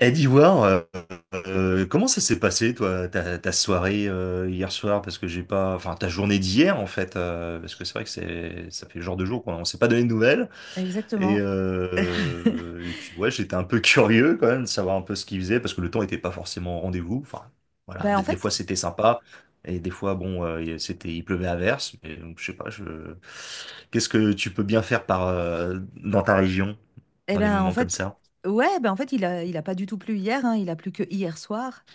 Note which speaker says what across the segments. Speaker 1: Eh, d'Ivoire, comment ça s'est passé, toi, ta soirée hier soir? Parce que j'ai pas, enfin, ta journée d'hier, en fait, parce que c'est vrai que c'est, ça fait le genre de jour qu'on s'est pas donné de nouvelles. Et,
Speaker 2: Exactement.
Speaker 1: euh, et puis ouais, j'étais un peu curieux quand même de savoir un peu ce qu'ils faisaient, parce que le temps était pas forcément au rendez-vous. Enfin, voilà,
Speaker 2: Ben en
Speaker 1: des fois
Speaker 2: fait,
Speaker 1: c'était sympa, et des fois bon, c'était, il pleuvait à verse. Mais donc, je sais pas, qu'est-ce que tu peux bien faire par dans ta région
Speaker 2: eh
Speaker 1: dans des
Speaker 2: ben en
Speaker 1: moments comme
Speaker 2: fait,
Speaker 1: ça?
Speaker 2: ouais, ben en fait, il a pas du tout plu hier, hein, il a plu que hier soir.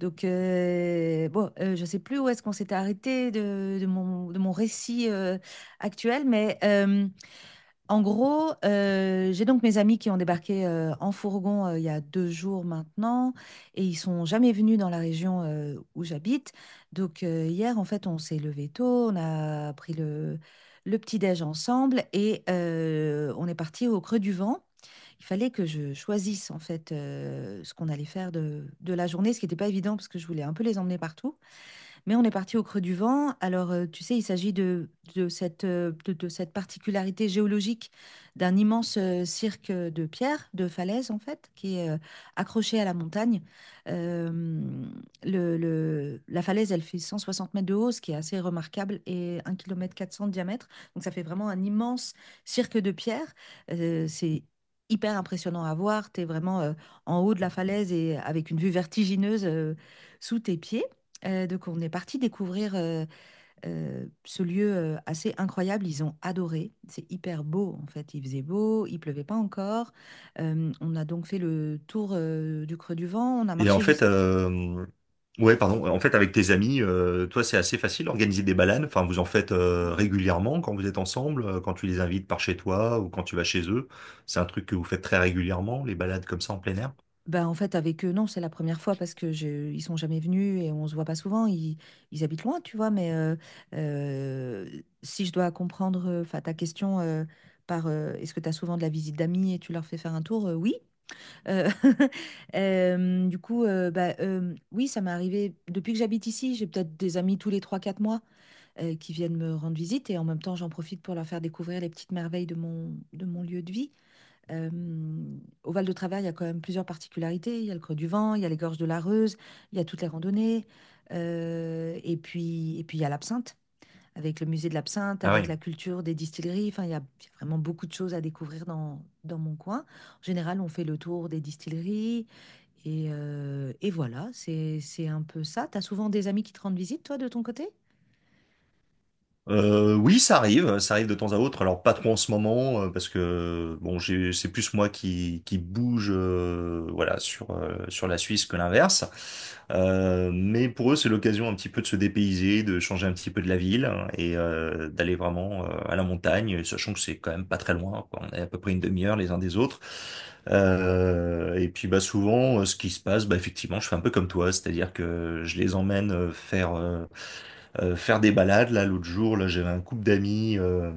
Speaker 2: Donc bon, je sais plus où est-ce qu'on s'était arrêté de mon récit actuel, mais en gros, j'ai donc mes amis qui ont débarqué, en fourgon, il y a 2 jours maintenant et ils sont jamais venus dans la région, où j'habite. Donc, hier, en fait, on s'est levé tôt, on a pris le petit-déj ensemble et on est parti au Creux du Vent. Il fallait que je choisisse, en fait, ce qu'on allait faire de la journée, ce qui n'était pas évident parce que je voulais un peu les emmener partout. Mais on est parti au Creux du Vent. Alors, tu sais, il s'agit de cette particularité géologique d'un immense cirque de pierre, de falaise en fait, qui est accroché à la montagne. Euh, la falaise, elle fait 160 mètres de haut, ce qui est assez remarquable, et 1,4 km de diamètre. Donc, ça fait vraiment un immense cirque de pierre. C'est hyper impressionnant à voir. Tu es vraiment en haut de la falaise et avec une vue vertigineuse sous tes pieds. Donc on est parti découvrir ce lieu assez incroyable. Ils ont adoré. C'est hyper beau en fait. Il faisait beau, il pleuvait pas encore. On a donc fait le tour du Creux du Vent. On a
Speaker 1: Et en
Speaker 2: marché
Speaker 1: fait,
Speaker 2: jusqu'à.
Speaker 1: ouais, pardon. En fait, avec tes amis, toi, c'est assez facile d'organiser des balades. Enfin, vous en faites régulièrement quand vous êtes ensemble, quand tu les invites par chez toi ou quand tu vas chez eux. C'est un truc que vous faites très régulièrement, les balades comme ça en plein air.
Speaker 2: Ben, en fait avec eux, non, c'est la première fois parce que ils sont jamais venus et on se voit pas souvent. Ils habitent loin, tu vois. Mais euh, si je dois comprendre, enfin ta question par est-ce que tu as souvent de la visite d'amis et tu leur fais faire un tour? Oui. Heu, du coup, oui, ça m'est arrivé depuis que j'habite ici, j'ai peut-être des amis tous les 3, 4 mois, qui viennent me rendre visite et en même temps, j'en profite pour leur faire découvrir les petites merveilles de mon lieu de vie. Au Val de Travers, il y a quand même plusieurs particularités. Il y a le Creux du Vent, il y a les gorges de la Reuse, il y a toutes les randonnées, et puis il y a l'absinthe avec le musée de l'absinthe,
Speaker 1: Ah
Speaker 2: avec
Speaker 1: oui.
Speaker 2: la culture des distilleries. Enfin, il y a vraiment beaucoup de choses à découvrir dans mon coin. En général, on fait le tour des distilleries et voilà, c'est un peu ça. Tu as souvent des amis qui te rendent visite, toi, de ton côté?
Speaker 1: Oui, ça arrive de temps à autre. Alors pas trop en ce moment parce que bon, c'est plus moi qui bouge, voilà, sur la Suisse que l'inverse. Mais pour eux, c'est l'occasion un petit peu de se dépayser, de changer un petit peu de la ville hein, d'aller vraiment à la montagne, sachant que c'est quand même pas très loin, quoi. On est à peu près une demi-heure les uns des autres. Et puis bah souvent, ce qui se passe, bah effectivement, je fais un peu comme toi, c'est-à-dire que je les emmène faire des balades. Là, l'autre jour, là, j'avais un couple d'amis euh,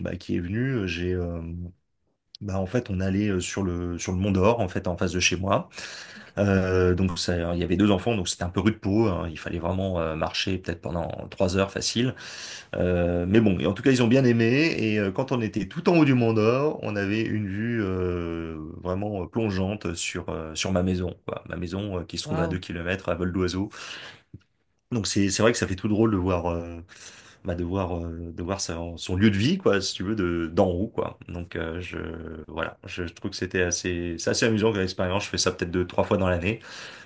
Speaker 1: bah, qui est venu. En fait, on allait sur le Mont d'Or, en fait, en face de chez moi.
Speaker 2: Ok.
Speaker 1: Donc, ça, il y avait deux enfants, donc c'était un peu rude peau, hein. Il fallait vraiment marcher peut-être pendant 3 heures facile. Mais bon, et en tout cas, ils ont bien aimé. Quand on était tout en haut du Mont d'Or, on avait une vue vraiment plongeante sur ma maison, quoi. Ma maison qui se trouve à
Speaker 2: Waouh.
Speaker 1: 2 kilomètres à vol d'oiseau. Donc c'est vrai que ça fait tout drôle de voir bah, de voir son lieu de vie, quoi, si tu veux de d'en haut, quoi. Donc je Voilà, je trouve que c'est assez amusant comme expérience. Je fais ça peut-être deux trois fois dans l'année.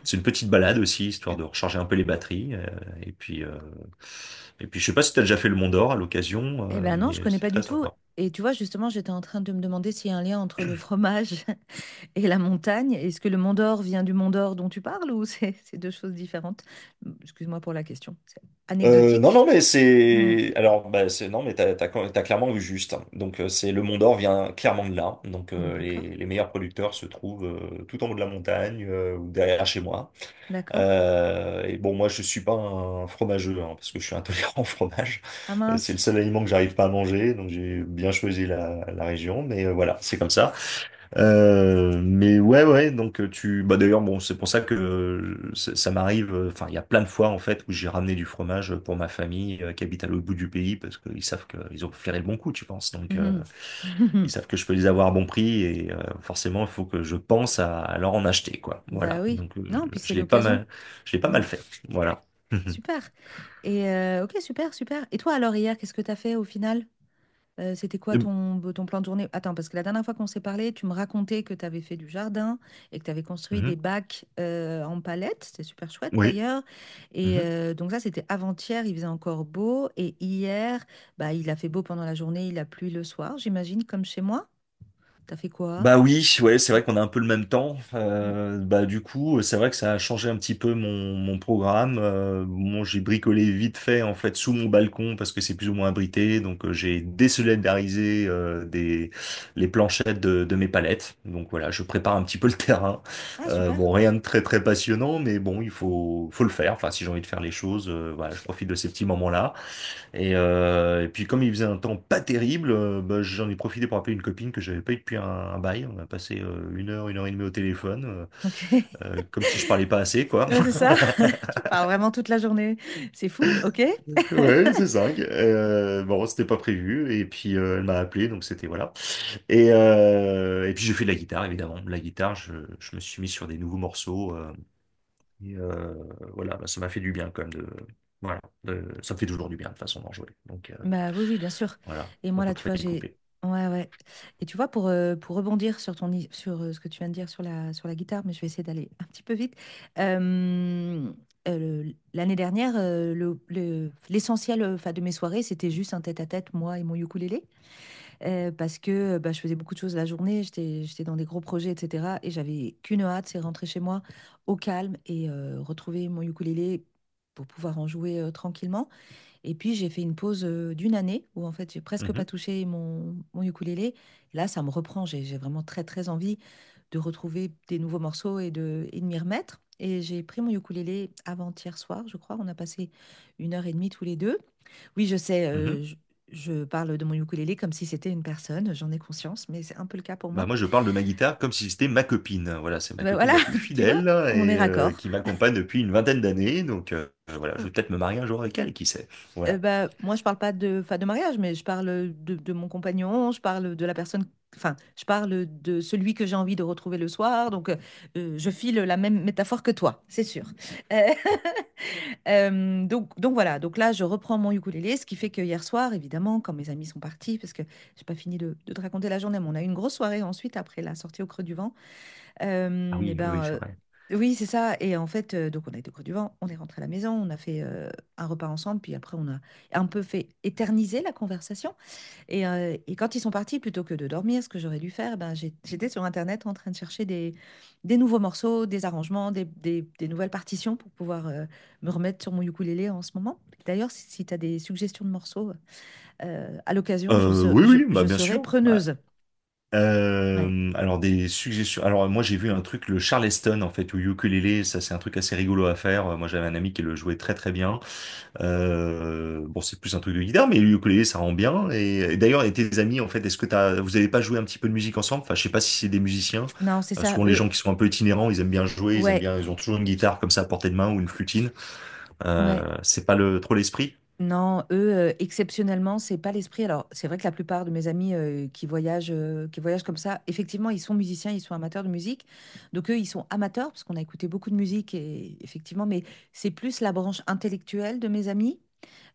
Speaker 1: C'est une petite balade aussi histoire de recharger un peu les batteries et puis euh, et puis je sais pas si tu as déjà fait le Mont d'Or à l'occasion
Speaker 2: Eh ben non, je
Speaker 1: mais
Speaker 2: connais
Speaker 1: c'est
Speaker 2: pas
Speaker 1: très
Speaker 2: du tout.
Speaker 1: sympa.
Speaker 2: Et tu vois, justement, j'étais en train de me demander s'il y a un lien entre le fromage et la montagne. Est-ce que le Mont d'Or vient du Mont d'Or dont tu parles ou c'est c'est deux choses différentes? Excuse-moi pour la question. C'est
Speaker 1: Non,
Speaker 2: anecdotique.
Speaker 1: non, mais
Speaker 2: Mm.
Speaker 1: c'est. Alors, bah, non, mais t'as clairement vu juste, hein. Donc, c'est le Mont d'Or vient clairement de là. Donc,
Speaker 2: D'accord,
Speaker 1: les meilleurs producteurs se trouvent tout en haut de la montagne ou derrière chez moi.
Speaker 2: d'accord.
Speaker 1: Et bon, moi, je suis pas un fromageux hein, parce que je suis intolérant au fromage.
Speaker 2: Ah
Speaker 1: C'est
Speaker 2: mince.
Speaker 1: le seul aliment que j'arrive pas à manger. Donc, j'ai bien choisi la région. Voilà, c'est comme ça. Mais ouais, ouais, Bah, d'ailleurs, bon, c'est pour ça que ça m'arrive, enfin, il y a plein de fois, en fait, où j'ai ramené du fromage pour ma famille qui habite à l'autre bout du pays, parce qu'ils savent qu'ils ont flairé le bon coup, tu penses. Donc,
Speaker 2: Mhm.
Speaker 1: ils savent que je peux les avoir à bon prix, forcément, il faut que je pense à leur en acheter, quoi.
Speaker 2: Bah
Speaker 1: Voilà,
Speaker 2: oui. Non, puis c'est l'occasion.
Speaker 1: je l'ai pas
Speaker 2: Mm.
Speaker 1: mal fait, voilà. Mhm.
Speaker 2: Super. Et ok, super, super. Et toi alors hier, qu'est-ce que t'as fait au final? C'était quoi
Speaker 1: Eh ben.
Speaker 2: ton plan de journée? Attends, parce que la dernière fois qu'on s'est parlé, tu me racontais que tu avais fait du jardin et que tu avais construit
Speaker 1: Mhm.
Speaker 2: des bacs en palette. C'était super chouette
Speaker 1: Oui.
Speaker 2: d'ailleurs. Et donc ça, c'était avant-hier, il faisait encore beau. Et hier, bah, il a fait beau pendant la journée, il a plu le soir, j'imagine, comme chez moi. T'as fait quoi?
Speaker 1: Bah oui, ouais, c'est vrai qu'on a un peu le même temps.
Speaker 2: Mm.
Speaker 1: Bah du coup, c'est vrai que ça a changé un petit peu mon programme. Bon, j'ai bricolé vite fait en fait sous mon balcon parce que c'est plus ou moins abrité. J'ai désolidarisé des les planchettes de mes palettes. Donc voilà, je prépare un petit peu le terrain.
Speaker 2: Ah, super.
Speaker 1: Bon, rien de très très passionnant, mais bon, il faut le faire. Enfin, si j'ai envie de faire les choses, voilà, je profite de ces petits moments-là. Et puis comme il faisait un temps pas terrible, bah, j'en ai profité pour appeler une copine que j'avais pas eu depuis un bail. On a passé une heure et demie au téléphone,
Speaker 2: Ok.
Speaker 1: comme si je parlais pas assez, quoi.
Speaker 2: Ouais, c'est ça. Tu parles vraiment toute la journée. C'est fou, ok?
Speaker 1: Ouais, c'est dingue. Bon, c'était pas prévu. Et puis Elle m'a appelé, donc c'était voilà. Et puis j'ai fait de la guitare, évidemment. La guitare, je me suis mis sur des nouveaux morceaux. Et euh, voilà, bah, ça m'a fait du bien quand même de. Voilà, ça me fait toujours du bien de toute façon d'en jouer.
Speaker 2: Bah oui, oui, bien sûr.
Speaker 1: Voilà,
Speaker 2: Et
Speaker 1: on
Speaker 2: moi,
Speaker 1: peut
Speaker 2: là, tu
Speaker 1: pas
Speaker 2: vois,
Speaker 1: les
Speaker 2: j'ai.
Speaker 1: couper.
Speaker 2: Ouais, ouais. Et tu vois, pour rebondir sur ce que tu viens de dire sur la guitare, mais je vais essayer d'aller un petit peu vite. Euh, l'année dernière, l'essentiel, 'fin, de mes soirées, c'était juste un tête-à-tête, moi et mon ukulélé. Parce que, bah, je faisais beaucoup de choses la journée, j'étais dans des gros projets et cetera et j'avais qu'une hâte, c'est rentrer chez moi au calme et retrouver mon ukulélé pour pouvoir en jouer, tranquillement et puis j'ai fait une pause, d'une année où en fait j'ai presque pas
Speaker 1: Mhm,
Speaker 2: touché mon ukulélé. Et là, ça me reprend, j'ai vraiment très, très envie de retrouver des nouveaux morceaux et de m'y remettre et j'ai pris mon ukulélé avant-hier soir, je crois. On a passé une heure et demie tous les 2. Oui, je sais,
Speaker 1: mhm.
Speaker 2: je parle de mon ukulélé comme si c'était une personne, j'en ai conscience, mais c'est un peu le cas pour
Speaker 1: Bah
Speaker 2: moi.
Speaker 1: moi, je parle de ma guitare comme si c'était ma copine. Voilà, c'est ma
Speaker 2: Ben
Speaker 1: copine
Speaker 2: voilà,
Speaker 1: la plus
Speaker 2: tu vois,
Speaker 1: fidèle
Speaker 2: on est
Speaker 1: et
Speaker 2: raccord.
Speaker 1: qui m'accompagne depuis une vingtaine d'années. Voilà, je vais
Speaker 2: Oh,
Speaker 1: peut-être me marier un jour avec elle, qui sait. Voilà.
Speaker 2: bah, moi, je parle pas de, enfin, de mariage, mais je parle de mon compagnon, je parle de la personne, enfin, je parle de celui que j'ai envie de retrouver le soir, donc je file la même métaphore que toi, c'est sûr. Euh, donc voilà, donc là je reprends mon ukulélé, ce qui fait que hier soir, évidemment, quand mes amis sont partis, parce que j'ai pas fini de te raconter la journée, mais on a eu une grosse soirée ensuite après la sortie au Creux du Vent.
Speaker 1: Ah
Speaker 2: Et
Speaker 1: oui, oui, oui,
Speaker 2: ben
Speaker 1: c'est vrai.
Speaker 2: oui, c'est ça. Et en fait, donc on a été au Creux du Vent, on est rentré à la maison, on a fait un repas ensemble, puis après on a un peu fait éterniser la conversation. Et quand ils sont partis, plutôt que de dormir, ce que j'aurais dû faire, ben, j'étais sur Internet en train de chercher des nouveaux morceaux, des arrangements, des nouvelles partitions pour pouvoir me remettre sur mon ukulélé en ce moment. D'ailleurs, si tu as des suggestions de morceaux, à l'occasion, je, se-
Speaker 1: Oui,
Speaker 2: je,
Speaker 1: oui, bah
Speaker 2: je
Speaker 1: bien
Speaker 2: serai
Speaker 1: sûr. Voilà.
Speaker 2: preneuse. Ouais.
Speaker 1: Alors des suggestions. Alors moi j'ai vu un truc, le Charleston en fait, ou ukulélé, ça c'est un truc assez rigolo à faire. Moi j'avais un ami qui le jouait très très bien. Bon, c'est plus un truc de guitare, mais le ukulélé, ça rend bien. Et d'ailleurs, et tes amis, en fait, vous avez pas joué un petit peu de musique ensemble? Enfin, je sais pas si c'est des musiciens.
Speaker 2: Non, c'est ça,
Speaker 1: Souvent, les gens
Speaker 2: eux.
Speaker 1: qui sont un peu itinérants, ils aiment bien jouer, ils aiment
Speaker 2: Ouais,
Speaker 1: bien, ils ont toujours une guitare comme ça à portée de main ou une flutine.
Speaker 2: ouais.
Speaker 1: C'est pas trop l'esprit.
Speaker 2: Non, eux, exceptionnellement, c'est pas l'esprit. Alors, c'est vrai que la plupart de mes amis qui voyagent comme ça, effectivement, ils sont musiciens, ils sont amateurs de musique. Donc, eux, ils sont amateurs parce qu'on a écouté beaucoup de musique, et, effectivement, mais c'est plus la branche intellectuelle de mes amis.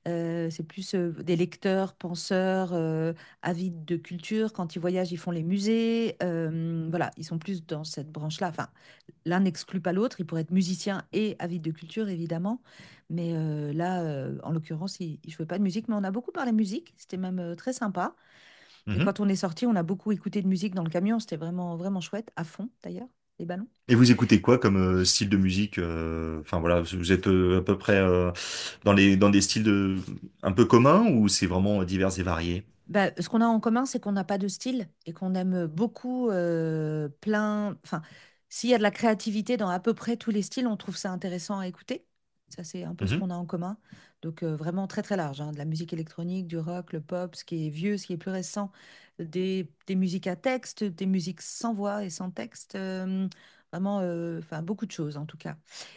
Speaker 2: C'est plus des lecteurs, penseurs, avides de culture. Quand ils voyagent, ils font les musées. Voilà, ils sont plus dans cette branche-là. Enfin, l'un n'exclut pas l'autre. Ils pourraient être musiciens et avides de culture, évidemment. Mais là, en l'occurrence, ils ne jouaient pas de musique. Mais on a beaucoup parlé musique. C'était même très sympa. Et
Speaker 1: Mhm.
Speaker 2: quand on est sorti, on a beaucoup écouté de musique dans le camion. C'était vraiment, vraiment chouette, à fond d'ailleurs, les ballons.
Speaker 1: Et vous écoutez quoi comme style de musique? Enfin voilà, vous êtes à peu près dans les dans des styles de un peu communs ou c'est vraiment divers et varié?
Speaker 2: Bah, ce qu'on a en commun, c'est qu'on n'a pas de style et qu'on aime beaucoup plein. Enfin, s'il y a de la créativité dans à peu près tous les styles, on trouve ça intéressant à écouter. Ça, c'est un peu ce
Speaker 1: Mhm.
Speaker 2: qu'on a en commun. Donc, vraiment très, très large, hein, de la musique électronique, du rock, le pop, ce qui est vieux, ce qui est plus récent, des musiques à texte, des musiques sans voix et sans texte. Vraiment, enfin, beaucoup de choses, en tout cas.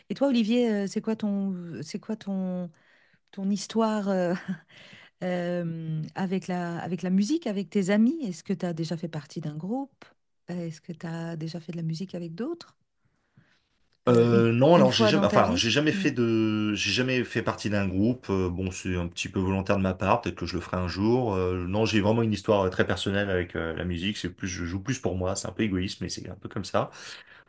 Speaker 2: Et toi, Olivier, c'est quoi ton histoire, avec la musique, avec tes amis. Est-ce que tu as déjà fait partie d'un groupe? Est-ce que tu as déjà fait de la musique avec d'autres? Euh, une,
Speaker 1: Non,
Speaker 2: une
Speaker 1: alors j'ai
Speaker 2: fois
Speaker 1: jamais,
Speaker 2: dans ta
Speaker 1: enfin,
Speaker 2: vie? Hmm,
Speaker 1: j'ai jamais fait partie d'un groupe. Bon, c'est un petit peu volontaire de ma part. Peut-être que je le ferai un jour. Non, j'ai vraiment une histoire très personnelle avec la musique. C'est plus, je joue plus pour moi. C'est un peu égoïste, mais c'est un peu comme ça.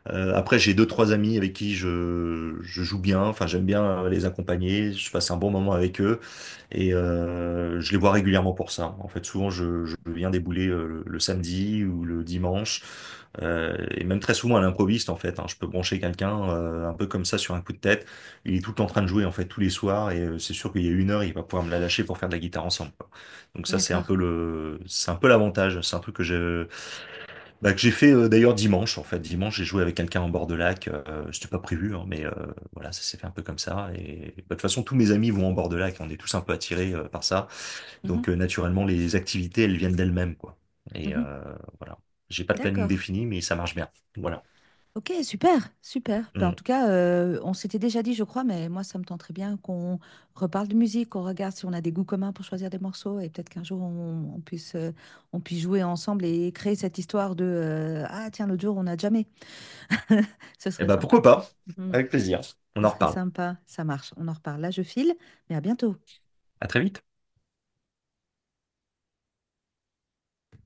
Speaker 1: Après, j'ai deux, trois amis avec qui je joue bien. Enfin, j'aime bien les accompagner. Je passe un bon moment avec eux et je les vois régulièrement pour ça. En fait, souvent, je viens débouler le samedi ou le dimanche et même très souvent à l'improviste, en fait, hein. Je peux brancher quelqu'un un peu comme ça sur un coup de tête. Il est tout le temps en train de jouer, en fait, tous les soirs et c'est sûr qu'il y a une heure, il va pouvoir me la lâcher pour faire de la guitare ensemble, quoi. Donc ça, c'est un
Speaker 2: d'accord.
Speaker 1: peu l'avantage. C'est un truc que j'ai fait d'ailleurs dimanche en fait. Dimanche, j'ai joué avec quelqu'un en bord de lac. C'était pas prévu, hein, mais voilà, ça s'est fait un peu comme ça. Et bah, de toute façon, tous mes amis vont en bord de lac. On est tous un peu attirés par ça.
Speaker 2: Mhm,
Speaker 1: Donc naturellement, les activités, elles viennent d'elles-mêmes, quoi. Et
Speaker 2: mhm.
Speaker 1: euh, voilà. J'ai pas de planning
Speaker 2: D'accord.
Speaker 1: défini, mais ça marche bien. Voilà.
Speaker 2: Ok, super, super. Ben, en
Speaker 1: Mm.
Speaker 2: tout cas, on s'était déjà dit, je crois, mais moi, ça me tenterait bien qu'on reparle de musique, qu'on regarde si on a des goûts communs pour choisir des morceaux et peut-être qu'un jour, on puisse jouer ensemble et créer cette histoire de Ah, tiens, l'autre jour, on n'a jamais. Ce
Speaker 1: Et
Speaker 2: serait
Speaker 1: bah
Speaker 2: sympa.
Speaker 1: pourquoi pas?
Speaker 2: Hmm.
Speaker 1: Avec plaisir. On
Speaker 2: Ce
Speaker 1: en
Speaker 2: serait
Speaker 1: reparle.
Speaker 2: sympa. Ça marche. On en reparle. Là, je file, mais à bientôt.
Speaker 1: À très vite.